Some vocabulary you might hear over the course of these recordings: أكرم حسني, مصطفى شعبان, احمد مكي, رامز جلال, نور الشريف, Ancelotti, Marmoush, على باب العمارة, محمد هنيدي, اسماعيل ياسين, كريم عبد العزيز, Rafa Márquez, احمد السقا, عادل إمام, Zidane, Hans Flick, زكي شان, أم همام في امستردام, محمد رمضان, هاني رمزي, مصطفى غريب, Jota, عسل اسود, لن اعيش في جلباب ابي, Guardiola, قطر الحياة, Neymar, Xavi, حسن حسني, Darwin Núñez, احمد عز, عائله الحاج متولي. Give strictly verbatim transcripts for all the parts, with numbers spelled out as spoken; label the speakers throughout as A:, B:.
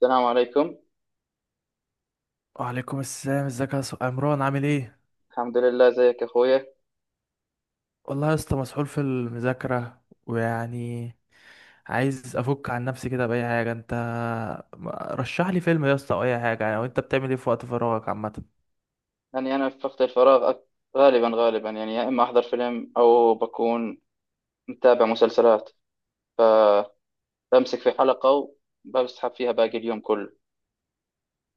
A: السلام عليكم.
B: وعليكم السلام، ازيك يا س- عمران؟ عامل ايه؟
A: الحمد لله، زيك يا أخويا.
B: والله يا اسطى مسحول في المذاكره، ويعني عايز افك عن نفسي كده باي حاجه. انت ما- رشح لي فيلم يا اسطى او اي حاجه يعني. وانت بتعمل ايه في وقت فراغك عامه؟
A: يعني أنا في وقت الفراغ أك- غالبا غالبا يعني، يا إما أحضر فيلم أو بكون متابع مسلسلات، فبمسك في حلقة وبسحب فيها باقي اليوم كله.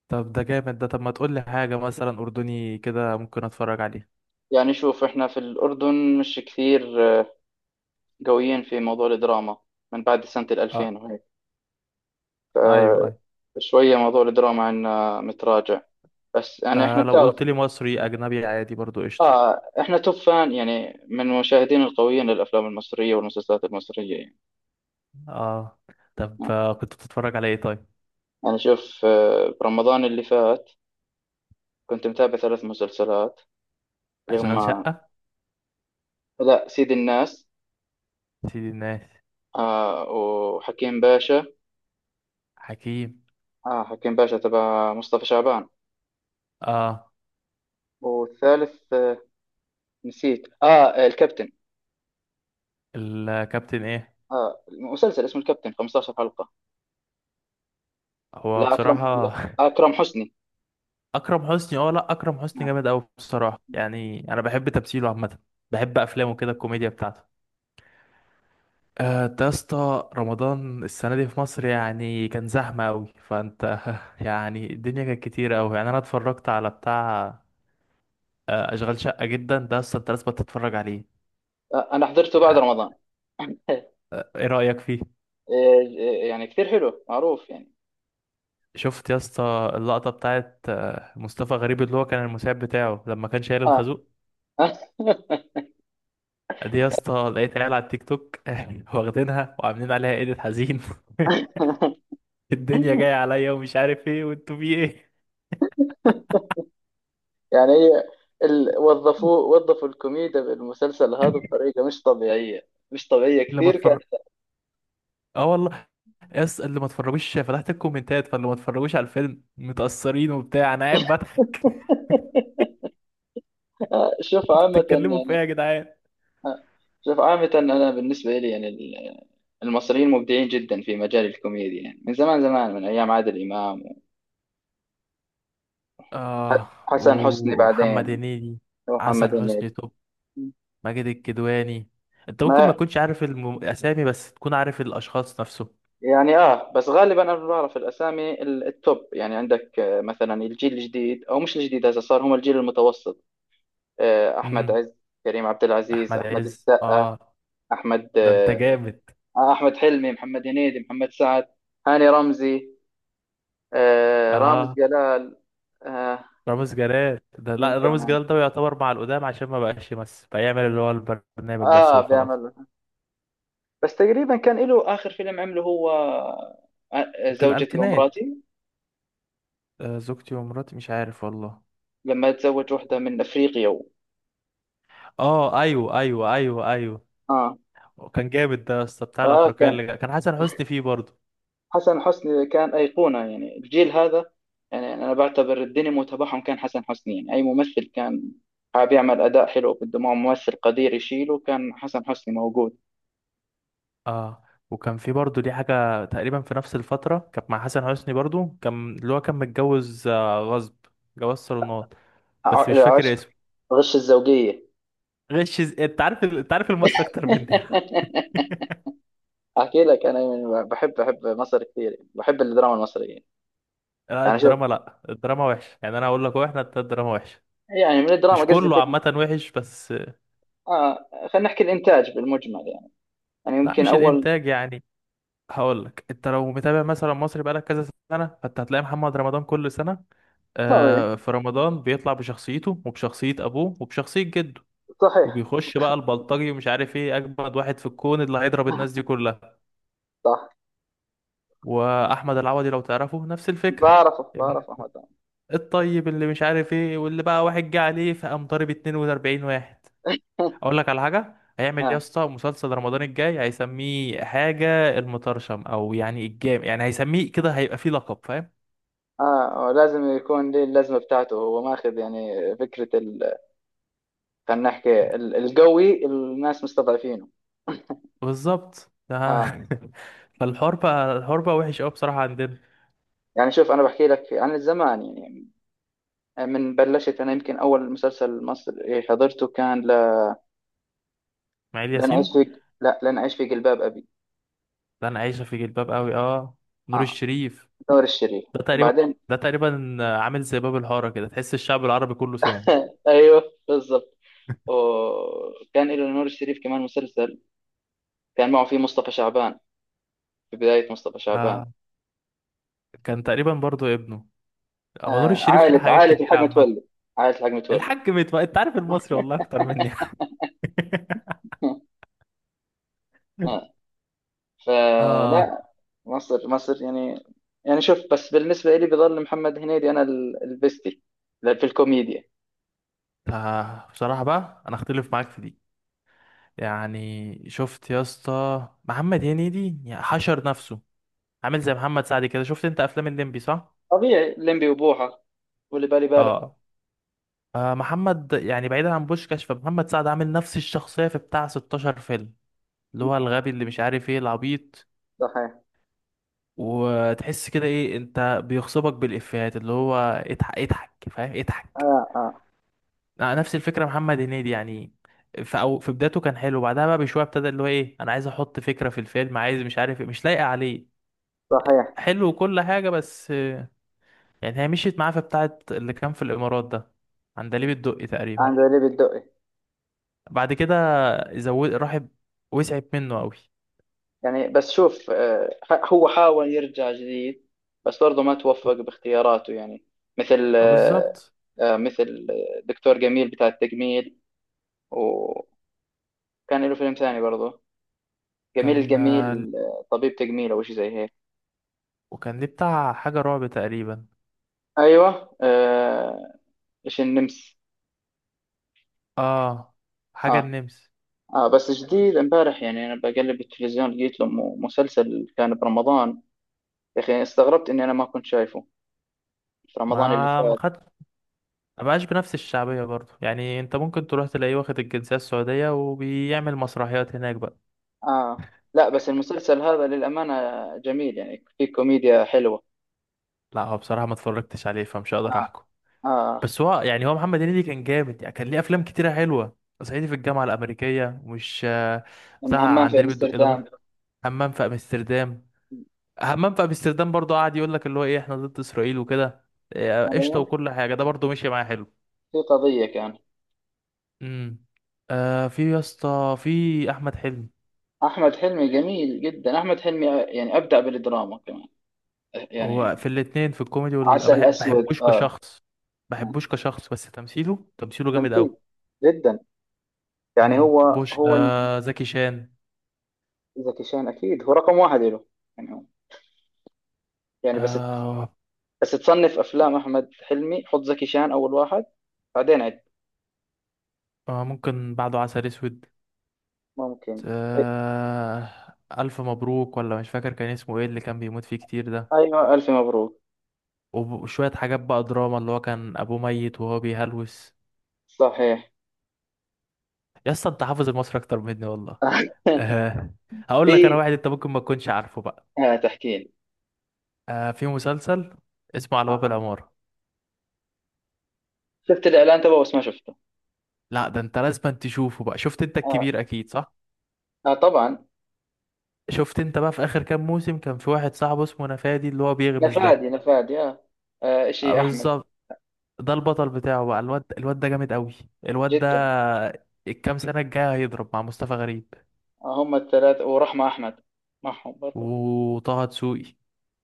B: طب ده جامد ده. طب ما تقول لي حاجه مثلا اردني كده ممكن اتفرج عليه.
A: يعني شوف، إحنا في الأردن مش كثير آه، قويين في موضوع الدراما من بعد سنة
B: اه،
A: الألفين وهيك.
B: ايوه ايوه.
A: فشوية موضوع الدراما عنا متراجع، بس يعني إحنا
B: آه لو
A: بتعرف.
B: قلت لي مصري اجنبي عادي برضو قشطه.
A: آه، إحنا توب فان يعني، من المشاهدين القويين للأفلام المصرية والمسلسلات المصرية يعني.
B: اه. طب آه، كنت بتتفرج على ايه طيب؟
A: يعني شوف، آه، برمضان اللي فات كنت متابع ثلاث مسلسلات اللي
B: اشغال
A: هم:
B: شقه.
A: لا، سيد الناس،
B: سيدي الناس.
A: آه، وحكيم باشا.
B: حكيم.
A: آه، حكيم باشا تبع مصطفى شعبان.
B: اه.
A: والثالث آه، نسيت، اه الكابتن.
B: الكابتن ايه؟
A: اه مسلسل اسمه الكابتن خمستاشر حلقة.
B: هو
A: لا اكرم،
B: بصراحة
A: لا اكرم حسني.
B: أكرم حسني. اه لأ، أكرم حسني
A: آه.
B: جامد أوي بصراحة، يعني أنا بحب تمثيله عامة. بحب أفلامه كده، الكوميديا بتاعته. آه، أنت يا اسطى رمضان السنة دي في مصر يعني كان زحمة أوي، فأنت يعني الدنيا كانت كتيرة أوي. يعني أنا اتفرجت على بتاع آه، أشغال شقة. جدا ده يا اسطى أنت لازم تتفرج عليه.
A: آه، انا حضرته بعد
B: يعني
A: رمضان. إيه،
B: آه، إيه رأيك فيه؟
A: إيه، يعني كثير حلو معروف يعني.
B: شفت يا اسطى اللقطة بتاعت آه، مصطفى غريب، اللي هو كان المساعد بتاعه لما كان شايل
A: اه.
B: الخازوق؟ دي يا اسطى لقيت عيال على التيك توك واخدينها وعاملين عليها ايديت حزين. الدنيا جاية عليا ومش عارف ايه، وانتوا في ايه؟
A: يعني هي ال... وظفوا وظفوا الكوميديا بالمسلسل هذا بطريقة مش طبيعية، مش طبيعية
B: اللي ما
A: كثير كان.
B: اتفرج. اه والله، يا اسطى اللي ما اتفرجوش فتحت الكومنتات، فاللي ما اتفرجوش على الفيلم متأثرين وبتاع، انا قاعد بضحك.
A: آه، شوف
B: انتوا
A: عامة
B: بتتكلموا في
A: يعني.
B: ايه يا جدعان؟
A: آه، شوف عامة، أنا بالنسبة لي يعني ال- المصريين مبدعين جدا في مجال الكوميديا يعني، من زمان زمان، من أيام عادل إمام
B: اه،
A: وحسن حسني،
B: ومحمد
A: بعدين
B: هنيدي.
A: ومحمد
B: حسن
A: هنيدي.
B: حسني توب. ماجد الكدواني. انت ممكن ما
A: ما
B: تكونش عارف الم... الاسامي، بس تكون عارف الاشخاص نفسه.
A: يعني آه، بس غالبا أنا بعرف الأسامي ال- التوب يعني. عندك آه، مثلا الجيل الجديد، أو مش الجديد، هسه صار هم الجيل المتوسط. آه، احمد
B: امم.
A: عز، كريم عبد العزيز،
B: احمد
A: احمد
B: عز،
A: السقا،
B: اه.
A: احمد
B: ده انت
A: آه،
B: جامد.
A: احمد حلمي، محمد هنيدي، محمد سعد، هاني رمزي، آه، رامز
B: اه.
A: جلال. آه،
B: رامز جلال ده،
A: مين
B: لا رامز
A: كمان.
B: جلال ده يعتبر مع القدام، عشان ما بقاش يمثل، فيعمل اللي هو البرنامج بس
A: اه،
B: وخلاص.
A: بيعمل، بس تقريبا كان له اخر فيلم عمله هو آه،
B: في
A: زوجتي
B: الألفينات.
A: ومراتي،
B: آه زوجتي ومراتي، مش عارف والله.
A: لما تزوج واحده من افريقيا و...
B: اه ايوه ايوه ايوه ايوه.
A: اه.
B: كان جامد ده يا اسطى، بتاع
A: اه،
B: الافريقيه
A: كان
B: اللي جا- كان حسن حسني فيه برضه.
A: حسن حسني كان أيقونة يعني الجيل هذا. يعني أنا بعتبر الدينامو تبعهم كان حسن حسني. يعني أي ممثل كان حاب يعمل أداء حلو، بده معه ممثل قدير يشيله، كان حسن حسني موجود.
B: اه. وكان في برضه دي حاجه تقريبا في نفس الفتره كانت مع حسن حسني برضه، كان اللي هو كان متجوز آه، غصب، جواز صالونات،
A: ع-
B: بس مش فاكر
A: العشق،
B: اسمه.
A: غش الزوجية.
B: غش ز- انت عارف ال- انت عارف المصري اكتر مني.
A: أحكي لك، أنا يعني بحب، بحب مصر كثير، بحب الدراما المصرية.
B: لا
A: يعني شوف،
B: الدراما، لا الدراما وحشة. يعني انا هقول لك، هو احنا التلات دراما وحشة.
A: يعني من الدراما
B: مش
A: قصدي
B: كله
A: فيلم.
B: عامة وحش بس.
A: آه، خلينا نحكي الإنتاج بالمجمل يعني. يعني
B: لا
A: يمكن
B: مش
A: أول،
B: الانتاج يعني. هقول لك، انت لو متابع مثلا مصري بقالك كذا سنة، فانت هتلاقي محمد رمضان كل سنة
A: صحيح،
B: آه في رمضان بيطلع بشخصيته وبشخصية ابوه وبشخصية جده،
A: صحيح.
B: وبيخش بقى البلطجي ومش عارف ايه، اجمد واحد في الكون اللي هيضرب الناس دي كلها.
A: صح.
B: واحمد العوضي لو تعرفه، نفس الفكرة.
A: بعرفه،
B: ابن
A: بعرفه، أحمد عمرو.
B: الطيب اللي مش عارف ايه، واللي بقى واحد جه عليه فقام ضارب اتنين واربعين واحد. اقول لك على حاجه، هيعمل إيه يا
A: آه.
B: اسطى؟ مسلسل رمضان الجاي هيسميه حاجه المطرشم او يعني الجام، يعني هيسميه كده، هيبقى فيه لقب، فاهم؟
A: اه آه، لازم يكون ليه اللازمه بتاعته. هو ماخذ يعني فكره ال... خلينا نحكي ال- القوي الناس مستضعفينه.
B: بالظبط ده.
A: اه.
B: فالحوار بقى، الحوار بقى وحش قوي بصراحه عندنا.
A: يعني شوف، انا بحكي لك عن الزمان يعني. من بلشت انا، يمكن اول مسلسل مصري حضرته كان ل...
B: اسماعيل
A: لن اعيش
B: ياسين.
A: في لا لن اعيش في جلباب ابي.
B: ده انا عايشه في جلباب قوي، اه. نور
A: اه،
B: الشريف.
A: نور الشريف.
B: ده تقريبا،
A: وبعدين،
B: ده تقريبا عامل زي باب الحاره كده، تحس الشعب العربي كله سمعه.
A: ايوه بالضبط. وكان له نور الشريف كمان مسلسل كان معه فيه مصطفى شعبان، في بدايه مصطفى شعبان.
B: آه، كان تقريبا برضو ابنه. هو نور
A: آه،
B: الشريف ليه
A: عائله،
B: حاجات
A: عائله
B: كتير
A: الحاج
B: عامه.
A: متولي. عائله الحاج متولي.
B: الحاج متولي. انت عارف المصري والله اكتر مني. اه.
A: فلا، مصر، مصر يعني. يعني شوف، بس بالنسبة لي بظل محمد هنيدي أنا ال- البستي في الكوميديا.
B: آه بصراحة بقى، أنا أختلف معاك في دي. يعني شفت يا اسطى محمد هنيدي، يعني حشر نفسه، عامل زي محمد سعد كده. شفت أنت أفلام الليمبي، صح؟
A: طبيعي، ليمبي وبوحة واللي بالي بالك.
B: آه. آه محمد، يعني بعيدا عن بوشكاش، فمحمد سعد عامل نفس الشخصية في بتاع ستاشر فيلم، اللي هو الغبي اللي مش عارف إيه، العبيط.
A: صحيح.
B: وتحس كده، إيه أنت بيغصبك بالإفيهات، اللي هو اضحك، اضحك، فاهم، اضحك.
A: آه، آه.
B: نفس الفكره محمد هنيدي، يعني في أو في بدايته كان حلو، بعدها بقى بشويه ابتدى اللي هو ايه، انا عايز احط فكره في الفيلم، عايز مش عارف إيه، مش لايقه عليه.
A: صحيح.
B: حلو وكل حاجه، بس آه، يعني هي مشيت معاه في بتاعه اللي كان في الامارات ده، عندليب الدقي تقريبا.
A: عند ليبي الدقي.
B: بعد كده زود، راح وسعت منه قوي.
A: يعني بس شوف آه، ح- هو حاول يرجع جديد، بس برضه ما توفق باختياراته يعني. مثل
B: اه
A: آه،
B: بالظبط.
A: آه مثل دكتور جميل بتاع التجميل. وكان له فيلم ثاني برضه، جميل
B: كان آه،
A: الجميل. آه، طبيب تجميل أو شيء زي هيك.
B: وكان ليه بتاع حاجة رعب تقريبا.
A: ايوه آه. ايش النمس.
B: اه حاجة
A: اه.
B: النمس.
A: اه، بس جديد امبارح، يعني انا بقلب التلفزيون لقيت له م- مسلسل كان برمضان. يا اخي استغربت اني انا ما كنت شايفه في رمضان اللي
B: ما ما
A: فات.
B: خدش، ما بقاش بنفس الشعبية برضه. يعني انت ممكن تروح تلاقيه واخد الجنسية السعودية، وبيعمل مسرحيات هناك بقى.
A: اه. لا بس المسلسل هذا للامانه جميل، يعني في كوميديا حلوه.
B: لا هو بصراحة ما اتفرجتش عليه، فمش هقدر
A: اه.
B: احكم.
A: اه.
B: بس هو يعني، هو محمد هنيدي كان جامد، يعني كان ليه افلام كتيرة حلوة. صعيدي في الجامعة الأمريكية مش آه،
A: أم
B: بتاع
A: همام في
B: عندليب الدق دبر.
A: امستردام.
B: همام في امستردام. همام في امستردام برضه قعد يقول لك اللي هو ايه، احنا ضد اسرائيل وكده. آه، قشطة
A: ايوه،
B: وكل حاجة، ده برضه مشي معاه حلو.
A: في قضيه كان.
B: امم. آه في يا اسطى في احمد حلمي.
A: احمد حلمي جميل جدا، احمد حلمي يعني ابدع بالدراما كمان يعني.
B: هو في الاتنين، في الكوميدي وال...
A: عسل
B: بحب
A: اسود
B: بحبوش
A: اه.
B: كشخص.
A: آه.
B: بحبوش كشخص، بس تمثيله، تمثيله جامد
A: تمثيل
B: قوي.
A: جدا. يعني
B: امم
A: هو،
B: بوش
A: هو ال-
B: آه زكي شان.
A: زكي شان اكيد هو رقم واحد له. يعني هو، يعني بس ت-
B: آه.
A: بس تصنف افلام احمد حلمي، حط زكي شان اول واحد بعدين عد.
B: آه ممكن بعده عسل اسود.
A: ممكن.
B: آه. الف مبروك، ولا مش فاكر كان اسمه ايه اللي كان بيموت فيه كتير ده.
A: ايوه الف مبروك.
B: وب- وشوية حاجات بقى دراما، اللي هو كان ابوه ميت وهو بيهلوس.
A: صحيح.
B: يا اسطى انت حافظ المصري اكتر مني والله. آه. هقول لك انا
A: في،
B: واحد انت ممكن ما تكونش عارفه بقى.
A: آه، تحكي لي.
B: آه في مسلسل اسمه على باب
A: آه.
B: العمارة.
A: شفت الاعلان تبعه بس ما شفته.
B: لا ده انت لازم تشوفه بقى. شفت انت
A: آه.
B: الكبير اكيد، صح؟
A: آه، طبعا.
B: شفت انت بقى في اخر كام موسم، كان في واحد صاحبه اسمه نفادي، اللي هو بيغمز ده.
A: نفادي، نفادي آه. آه،
B: اه
A: شيء احمد.
B: بالظبط. ده البطل بتاعه بقى، الواد الواد ده جامد قوي. الواد ده،
A: جدا.
B: الكام سنة الجاية هيضرب مع مصطفى غريب.
A: آه، هم الثلاثه ورحمه احمد معهم برضه.
B: وطه دسوقي.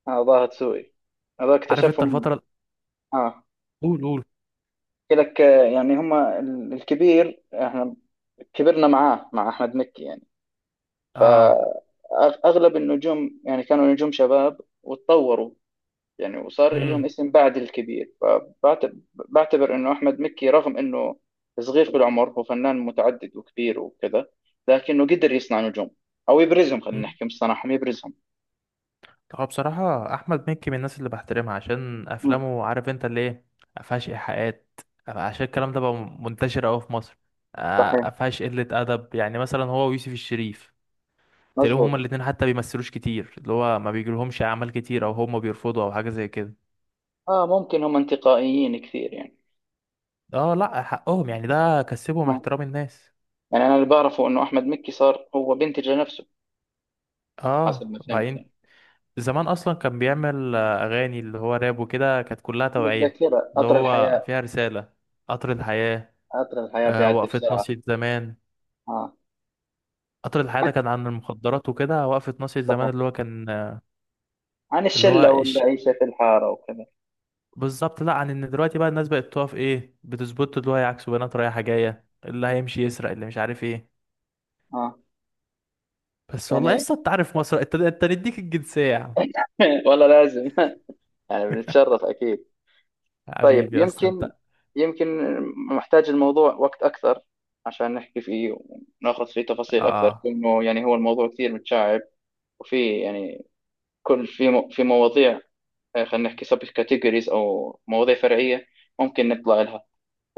A: آه، ظاهر سوقي. هذا
B: عارف انت
A: اكتشفهم.
B: الفترة؟
A: آه،
B: قول قول.
A: احكي لك. آه، يعني هما ال- الكبير. احنا كبرنا معاه مع احمد مكي يعني.
B: اه.
A: فاغلب النجوم يعني كانوا نجوم شباب وتطوروا يعني، وصار لهم
B: امم.
A: اسم بعد الكبير. فبعتبر انه احمد مكي رغم انه صغير في العمر، هو فنان متعدد وكبير وكذا، لكنه قدر يصنع نجوم، او يبرزهم. خلينا
B: امم.
A: نحكي مش صنعهم، يبرزهم.
B: هو بصراحة أحمد مكي من الناس اللي بحترمها عشان
A: مم،
B: أفلامه، عارف أنت اللي إيه، مفيهاش إيحاءات. عشان الكلام ده بقى منتشر أوي في مصر. آه،
A: صحيح،
B: مفيهاش قلة أدب، يعني مثلا هو ويوسف الشريف، تلاقيهم
A: مزبوط.
B: هما الاتنين حتى بيمثلوش كتير، اللي هو ما بيجيلهمش أعمال كتير، أو هما بيرفضوا أو حاجة زي كده.
A: اه، ممكن هم انتقائيين كثير يعني.
B: اه لأ، حقهم، يعني ده كسبهم
A: مم.
B: احترام الناس.
A: يعني انا اللي بعرفه انه احمد مكي صار هو بينتج لنفسه، حسب
B: اه
A: ما فهمت يعني.
B: بعدين زمان أصلا كان بيعمل آه، أغاني اللي هو راب وكده، كانت كلها
A: من
B: توعية.
A: الذاكرة،
B: اللي
A: قطر
B: هو
A: الحياة.
B: فيها رسالة. قطر الحياة.
A: قطر الحياة
B: آه،
A: بيعدي
B: وقفة
A: بسرعة.
B: ناصية زمان.
A: اه.
B: قطر الحياة ده
A: حتى،
B: كان عن المخدرات وكده، وقفة ناصية زمان
A: صحيح.
B: اللي هو كان آه،
A: عن
B: اللي هو
A: الشلة
B: إش...
A: والعيشة في الحارة وكذا.
B: بالظبط. لا عن ان دلوقتي بقى الناس بقت تقف ايه، بتظبط اللي هو يعكسوا بنات رايحة جاية، اللي هيمشي يسرق، اللي مش عارف ايه.
A: اه
B: بس والله
A: يعني،
B: لسه انت عارف مصر، انت انت نديك الجنسية يا عم.
A: والله لازم. يعني بنتشرف أكيد. طيب
B: حبيبي اصلا
A: يمكن،
B: انت.
A: يمكن، محتاج الموضوع وقت أكثر عشان نحكي فيه وناخذ فيه تفاصيل أكثر،
B: اه.
A: لأنه يعني هو الموضوع كثير متشعب. وفي يعني، كل في مو- في مواضيع، آه، خلينا نحكي سب كاتيجوريز أو مواضيع فرعية، ممكن نطلع لها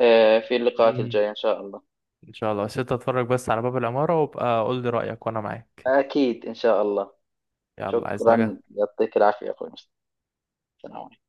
A: آه، في اللقاءات
B: مم.
A: الجاية إن شاء الله.
B: ان شاء الله، بس انت اتفرج بس على باب العمارة وابقى قول لي رأيك وانا معاك.
A: أكيد إن شاء الله.
B: يلا عايز
A: شكرا،
B: حاجة؟
A: يعطيك العافية يا أخوي مصطفى.